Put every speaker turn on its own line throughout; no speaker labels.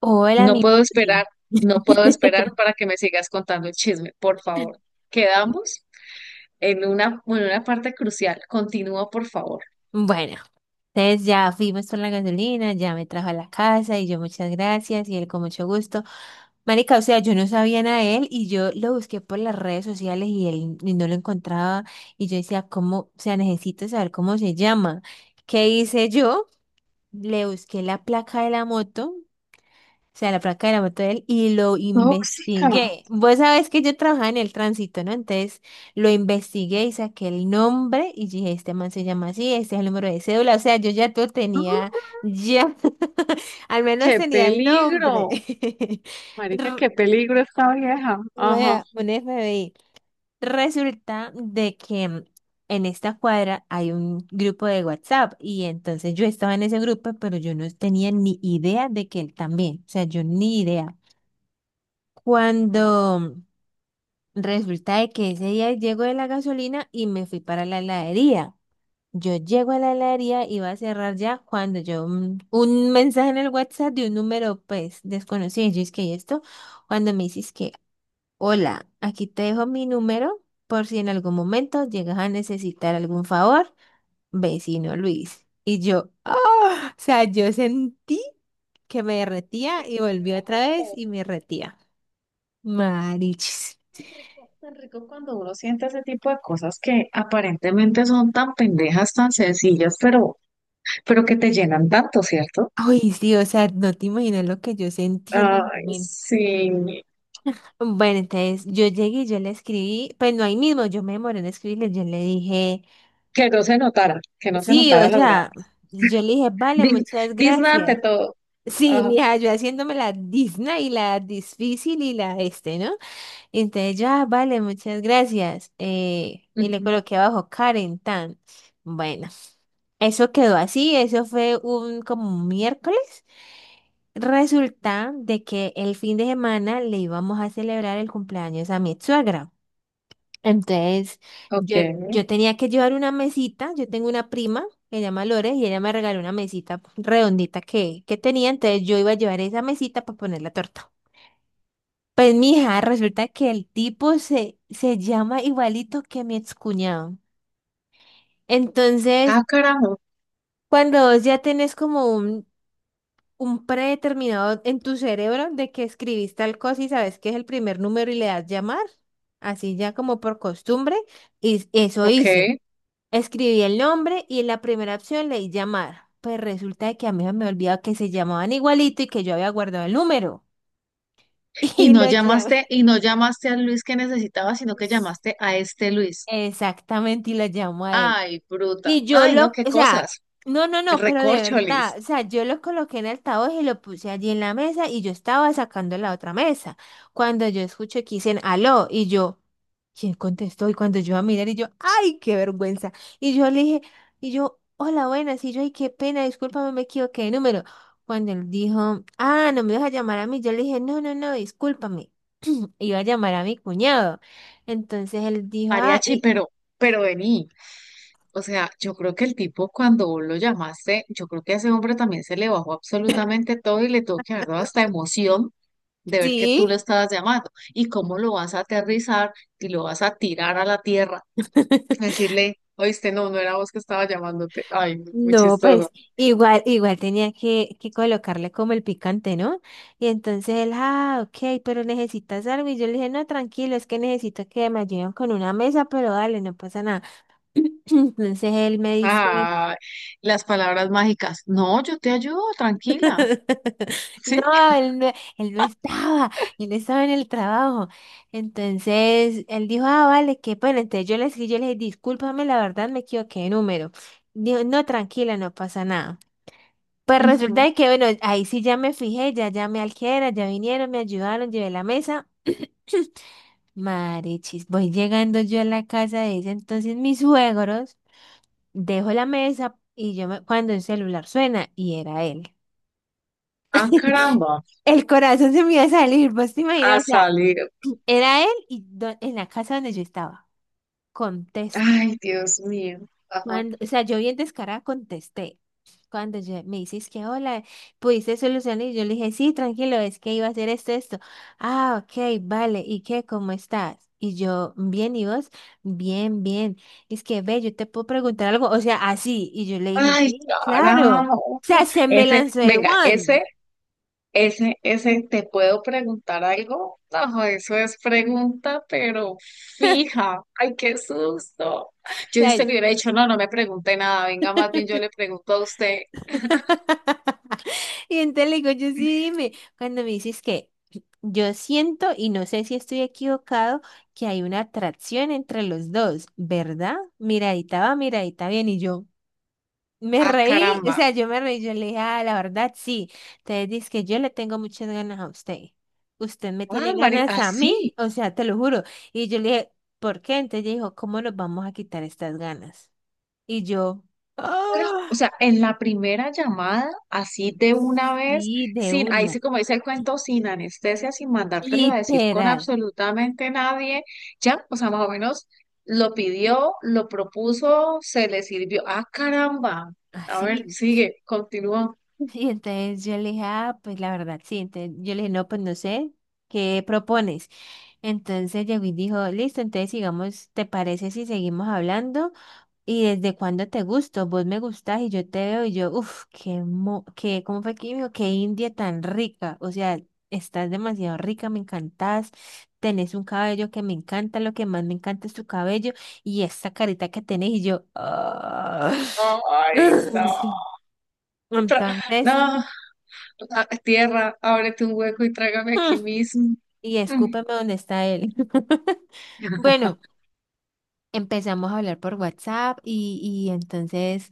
Hola,
No
mi
puedo
Juli.
esperar, no puedo esperar para que me sigas contando el chisme, por favor. Quedamos en una parte crucial. Continúa, por favor.
Bueno, entonces ya fuimos por la gasolina, ya me trajo a la casa y yo muchas gracias y él con mucho gusto. Marica, o sea, yo no sabía nada de él y yo lo busqué por las redes sociales y él y no lo encontraba y yo decía, ¿cómo? O sea, necesito saber cómo se llama. ¿Qué hice yo? Le busqué la placa de la moto. O sea, la placa de la moto de él y lo
Tóxica.
investigué. Vos sabés que yo trabajaba en el tránsito, ¿no? Entonces lo investigué y saqué el nombre y dije, este man se llama así, este es el número de cédula. O sea, yo ya todo
¡Ah!
tenía, ya, al menos
¡Qué
tenía el nombre.
peligro! Marica,
R-
qué peligro esta vieja. Ajá.
vaya, un FBI. Resulta de que en esta cuadra hay un grupo de WhatsApp y entonces yo estaba en ese grupo, pero yo no tenía ni idea de que él también, o sea, yo ni idea.
Ujú.
Cuando resulta de que ese día llego de la gasolina y me fui para la heladería. Yo llego a la heladería y va a cerrar ya cuando yo un mensaje en el WhatsApp de un número pues desconocido. Yo es que "¿Y esto, cuando me dices que, hola, aquí te dejo mi número por si en algún momento llegas a necesitar algún favor, vecino Luis". Y yo, ah, o sea, yo sentí que me
Se
derretía y
me
volví otra
bajó
vez
todo.
y me derretía. Marichis.
Tan rico cuando uno siente ese tipo de cosas que aparentemente son tan pendejas, tan sencillas, pero que te llenan tanto, ¿cierto?
Ay, sí, o sea, no te imaginas lo que yo sentí en el
Ay,
momento.
sí.
Bueno, entonces yo llegué y yo le escribí, pues no ahí mismo, yo me demoré en escribirle, yo le dije,
Que no se notara, que no se
sí, o
notara las
sea,
ganas.
yo le dije, vale,
Dis,
muchas
Disney ante
gracias.
todo.
Sí,
Ajá,
mira, yo haciéndome la Disney y la difícil y la este, ¿no? Entonces yo, ah, vale, muchas gracias. Y le
ujú,
coloqué abajo Karen Tan. Bueno. Eso quedó así, eso fue un como un miércoles. Resulta de que el fin de semana le íbamos a celebrar el cumpleaños a mi suegra. Entonces,
ok.
yo, yo tenía que llevar una mesita, yo tengo una prima que se llama Lore y ella me regaló una mesita redondita que tenía, entonces yo iba a llevar esa mesita para poner la torta. Pues mija, resulta que el tipo se, se llama igualito que mi excuñado. Entonces,
Ah, carajo.
cuando vos ya tenés como un predeterminado en tu cerebro de que escribís tal cosa y sabes que es el primer número y le das llamar, así ya como por costumbre, y eso
Ok.
hice. Escribí el nombre y en la primera opción leí llamar. Pues resulta de que a mí me olvidaba que se llamaban igualito y que yo había guardado el número. Y lo llamé.
Y no llamaste al Luis que necesitaba, sino que llamaste a este Luis.
Exactamente, y lo llamo a él.
Ay, bruta.
Y yo
Ay, no,
lo,
qué
o sea,
cosas.
no, no, no, pero de verdad,
Recorcholis.
o sea, yo lo coloqué en el altavoz y lo puse allí en la mesa y yo estaba sacando la otra mesa. Cuando yo escuché que dicen aló y yo, ¿quién contestó? Y cuando yo a mirar y yo, ¡ay, qué vergüenza! Y yo le dije, y yo, hola, buenas, y yo, ay, qué pena, discúlpame, me equivoqué de número. Cuando él dijo, ah, no me vas a llamar a mí, yo le dije, no, no, no, discúlpame. Iba a llamar a mi cuñado. Entonces él dijo, ah,
Mariachi,
y
pero vení. O sea, yo creo que el tipo cuando vos lo llamaste, yo creo que a ese hombre también se le bajó absolutamente todo y le tuvo que haber dado hasta emoción de ver que tú lo
sí.
estabas llamando y cómo lo vas a aterrizar y lo vas a tirar a la tierra, decirle, oíste, no, no era vos que estaba llamándote. Ay, no, muy
No,
chistoso.
pues igual, igual tenía que colocarle como el picante, ¿no? Y entonces él, ah, ok, pero necesitas algo. Y yo le dije, no, tranquilo, es que necesito que me ayuden con una mesa, pero dale, no pasa nada. Entonces él me dice,
Ay, las palabras mágicas. No, yo te ayudo, tranquila. Sí.
no, él no, él no estaba, él estaba en el trabajo. Entonces él dijo, ah, vale, qué pena. Entonces yo le escribí, yo le dije, discúlpame, la verdad me equivoqué de número. Dijo, no, tranquila, no pasa nada. Pues resulta
Ujú.
de que, bueno, ahí sí ya me fijé, ya llamé al que era, ya vinieron, me ayudaron, llevé la mesa. Marechis, voy llegando yo a la casa de ese entonces mis suegros, dejo la mesa y yo cuando el celular suena y era él.
Ah, caramba,
El corazón se me iba a salir, vos te
a
imaginas, o sea,
salir.
era él y en la casa donde yo estaba.
Ay, Dios mío. Ajá.
O sea, yo bien descarada contesté. Cuando yo, me dices que hola, ¿pudiste solucionar? Y yo le dije, sí, tranquilo, es que iba a hacer esto, esto. Ah, ok, vale. ¿Y qué? ¿Cómo estás? Y yo, bien, ¿y vos? Bien, bien. Es que, ve, yo te puedo preguntar algo, o sea, así. Y yo le dije,
Ay,
sí, claro. O
carajo.
sea, se me
Ese,
lanzó de
venga,
one.
ese, ese, ¿te puedo preguntar algo? No, eso es pregunta, pero fija. Ay, qué susto. Yo a usted le hubiera dicho, no, no me pregunte nada. Venga, más bien yo le pregunto a usted,
Y entonces le digo, yo sí, dime, cuando me dices que yo siento y no sé si estoy equivocado, que hay una atracción entre los dos, ¿verdad? Miradita va, miradita bien, y yo me
ah,
reí, o
caramba.
sea, yo me reí, yo le dije, ah, la verdad, sí. Entonces dice que yo le tengo muchas ganas a usted. Usted me
Ah,
tiene
Mari,
ganas a
así.
mí, o sea, te lo juro. Y yo le dije, ¿por qué? Entonces ella dijo, ¿cómo nos vamos a quitar estas ganas? Y yo, ah,
Pero, o sea, en la primera llamada, así de una vez,
sí, de
sin, ahí
una.
sí como dice el cuento, sin anestesia, sin mandártelo a decir con
Literal,
absolutamente nadie, ya, o sea, más o menos lo pidió, lo propuso, se le sirvió. Ah, caramba. A ver,
así.
sigue, continúa.
Y entonces yo le dije, ah, pues la verdad, sí. Entonces yo le dije, no, pues no sé, ¿qué propones? Entonces llegó y dijo, listo, entonces sigamos, ¿te parece si seguimos hablando? ¿Y desde cuándo te gusto? Vos me gustás y yo te veo y yo, uff, qué, mo qué, ¿cómo fue que me dijo? Qué India tan rica. O sea, estás demasiado rica, me encantás. Tenés un cabello que me encanta, lo que más me encanta es tu cabello y esta carita que tenés y yo, ah.
No, ay, no. Tra-
Entonces,
no, ah, tierra, ábrete un hueco y trágame
mm,
aquí mismo.
y
Mm.
escúpeme dónde está él. Bueno, empezamos a hablar por WhatsApp y entonces...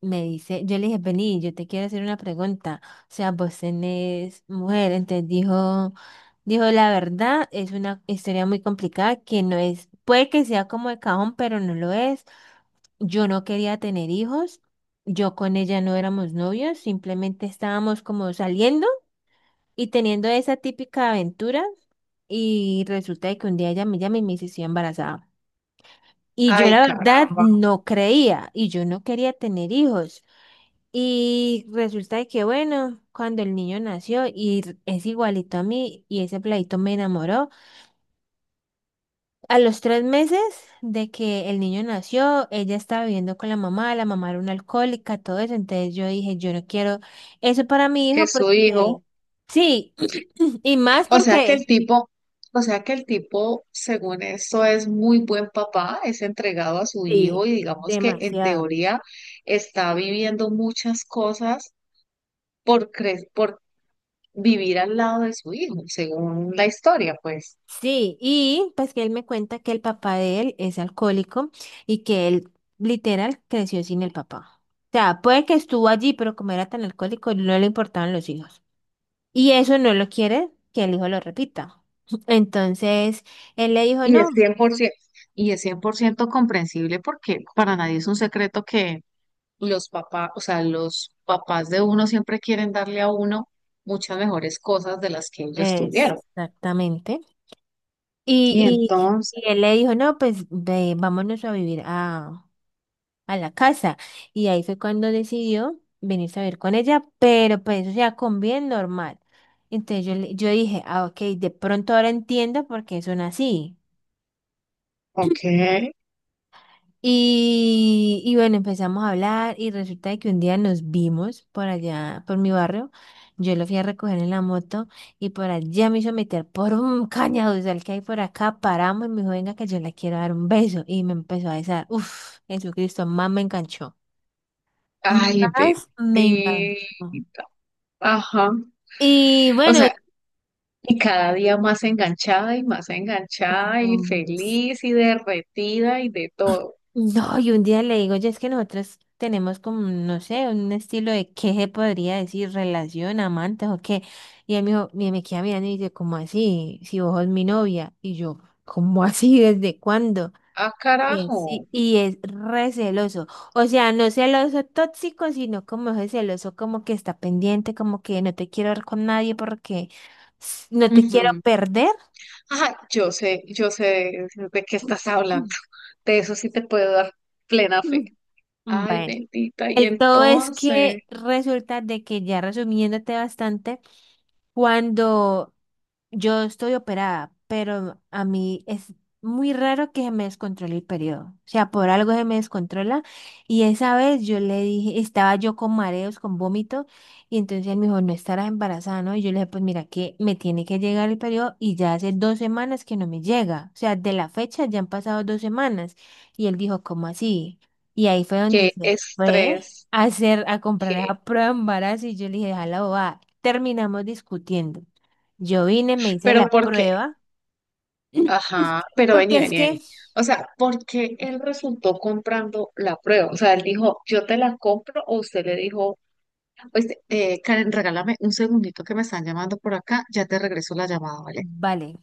me dice, yo le dije, vení, yo te quiero hacer una pregunta. O sea, vos tenés mujer. Entonces dijo, dijo, la verdad, es una historia muy complicada que no es, puede que sea como de cajón, pero no lo es. Yo no quería tener hijos. Yo con ella no éramos novios, simplemente estábamos como saliendo y teniendo esa típica aventura. Y resulta de que un día ella me llama y me dice, estoy embarazada. Y yo
Ay,
la verdad
caramba,
no creía y yo no quería tener hijos. Y resulta de que, bueno, cuando el niño nació y es igualito a mí y ese pladito me enamoró, a los 3 meses de que el niño nació, ella estaba viviendo con la mamá era una alcohólica, todo eso, entonces yo dije, yo no quiero eso para mi
que
hijo porque,
su hijo.
sí, y más
O sea que el
porque,
tipo, o sea que el tipo, según esto, es muy buen papá, es entregado a su
sí,
hijo y digamos que en
demasiado.
teoría está viviendo muchas cosas por cre- por vivir al lado de su hijo, según la historia, pues.
Sí, y pues que él me cuenta que el papá de él es alcohólico y que él literal creció sin el papá. O sea, puede que estuvo allí, pero como era tan alcohólico, no le importaban los hijos. Y eso no lo quiere que el hijo lo repita. Entonces, él le dijo,
Y es
no,
100%, y es 100% comprensible porque para nadie es un secreto que los papás, o sea, los papás de uno siempre quieren darle a uno muchas mejores cosas de las que ellos tuvieron.
exactamente.
Y
Y,
entonces,
y él le dijo, no, pues ve, vámonos a vivir a la casa. Y ahí fue cuando decidió venirse a ver con ella, pero pues, o sea, con bien normal. Entonces yo, yo dije, ah, ok, de pronto ahora entiendo por qué son así.
ok.
Y bueno, empezamos a hablar y resulta de que un día nos vimos por allá, por mi barrio. Yo lo fui a recoger en la moto y por allá me hizo meter por un cañaduzal que hay por acá. Paramos y me dijo, venga, que yo le quiero dar un beso. Y me empezó a besar. Uf, Jesucristo, más me enganchó.
Ay,
Más me enganchó.
bendita. Ajá.
Y
O
bueno,
sea, y cada día más enganchada y feliz y derretida y de todo.
no, y un día le digo, ya es que nosotros tenemos como, no sé, un estilo de qué se podría decir, relación, amantes o qué. Y él me dijo, me queda mirando y dice, ¿cómo así? Si vos sos mi novia. Y yo, ¿cómo así? ¿Desde cuándo?
Ah, carajo.
Y es re celoso. O sea, no celoso tóxico, sino como ese celoso, como que está pendiente, como que no te quiero ver con nadie porque no te quiero
Ujú.
perder.
Ajá, yo sé de qué estás hablando. De eso sí te puedo dar plena fe. Ay,
Bueno,
bendita. Y
el todo es
entonces,
que resulta de que ya resumiéndote bastante, cuando yo estoy operada, pero a mí es muy raro que se me descontrole el periodo. O sea, por algo se me descontrola. Y esa vez yo le dije, estaba yo con mareos, con vómito, y entonces él me dijo, no estarás embarazada, ¿no? Y yo le dije, pues mira que me tiene que llegar el periodo y ya hace 2 semanas que no me llega. O sea, de la fecha ya han pasado 2 semanas. Y él dijo, ¿cómo así? Y ahí fue donde
qué
se fue
estrés,
a hacer, a comprar
qué.
esa prueba de embarazo y yo le dije, déjala bobada. Terminamos discutiendo. Yo vine, me hice
Pero
la
¿por qué?
prueba,
Ajá, pero
porque
vení,
es
vení, vení.
que,
O sea, ¿porque él resultó comprando la prueba? O sea, él dijo, yo te la compro, o usted le dijo, pues, Karen, regálame un segundito que me están llamando por acá, ya te regreso la llamada, ¿vale?
vale,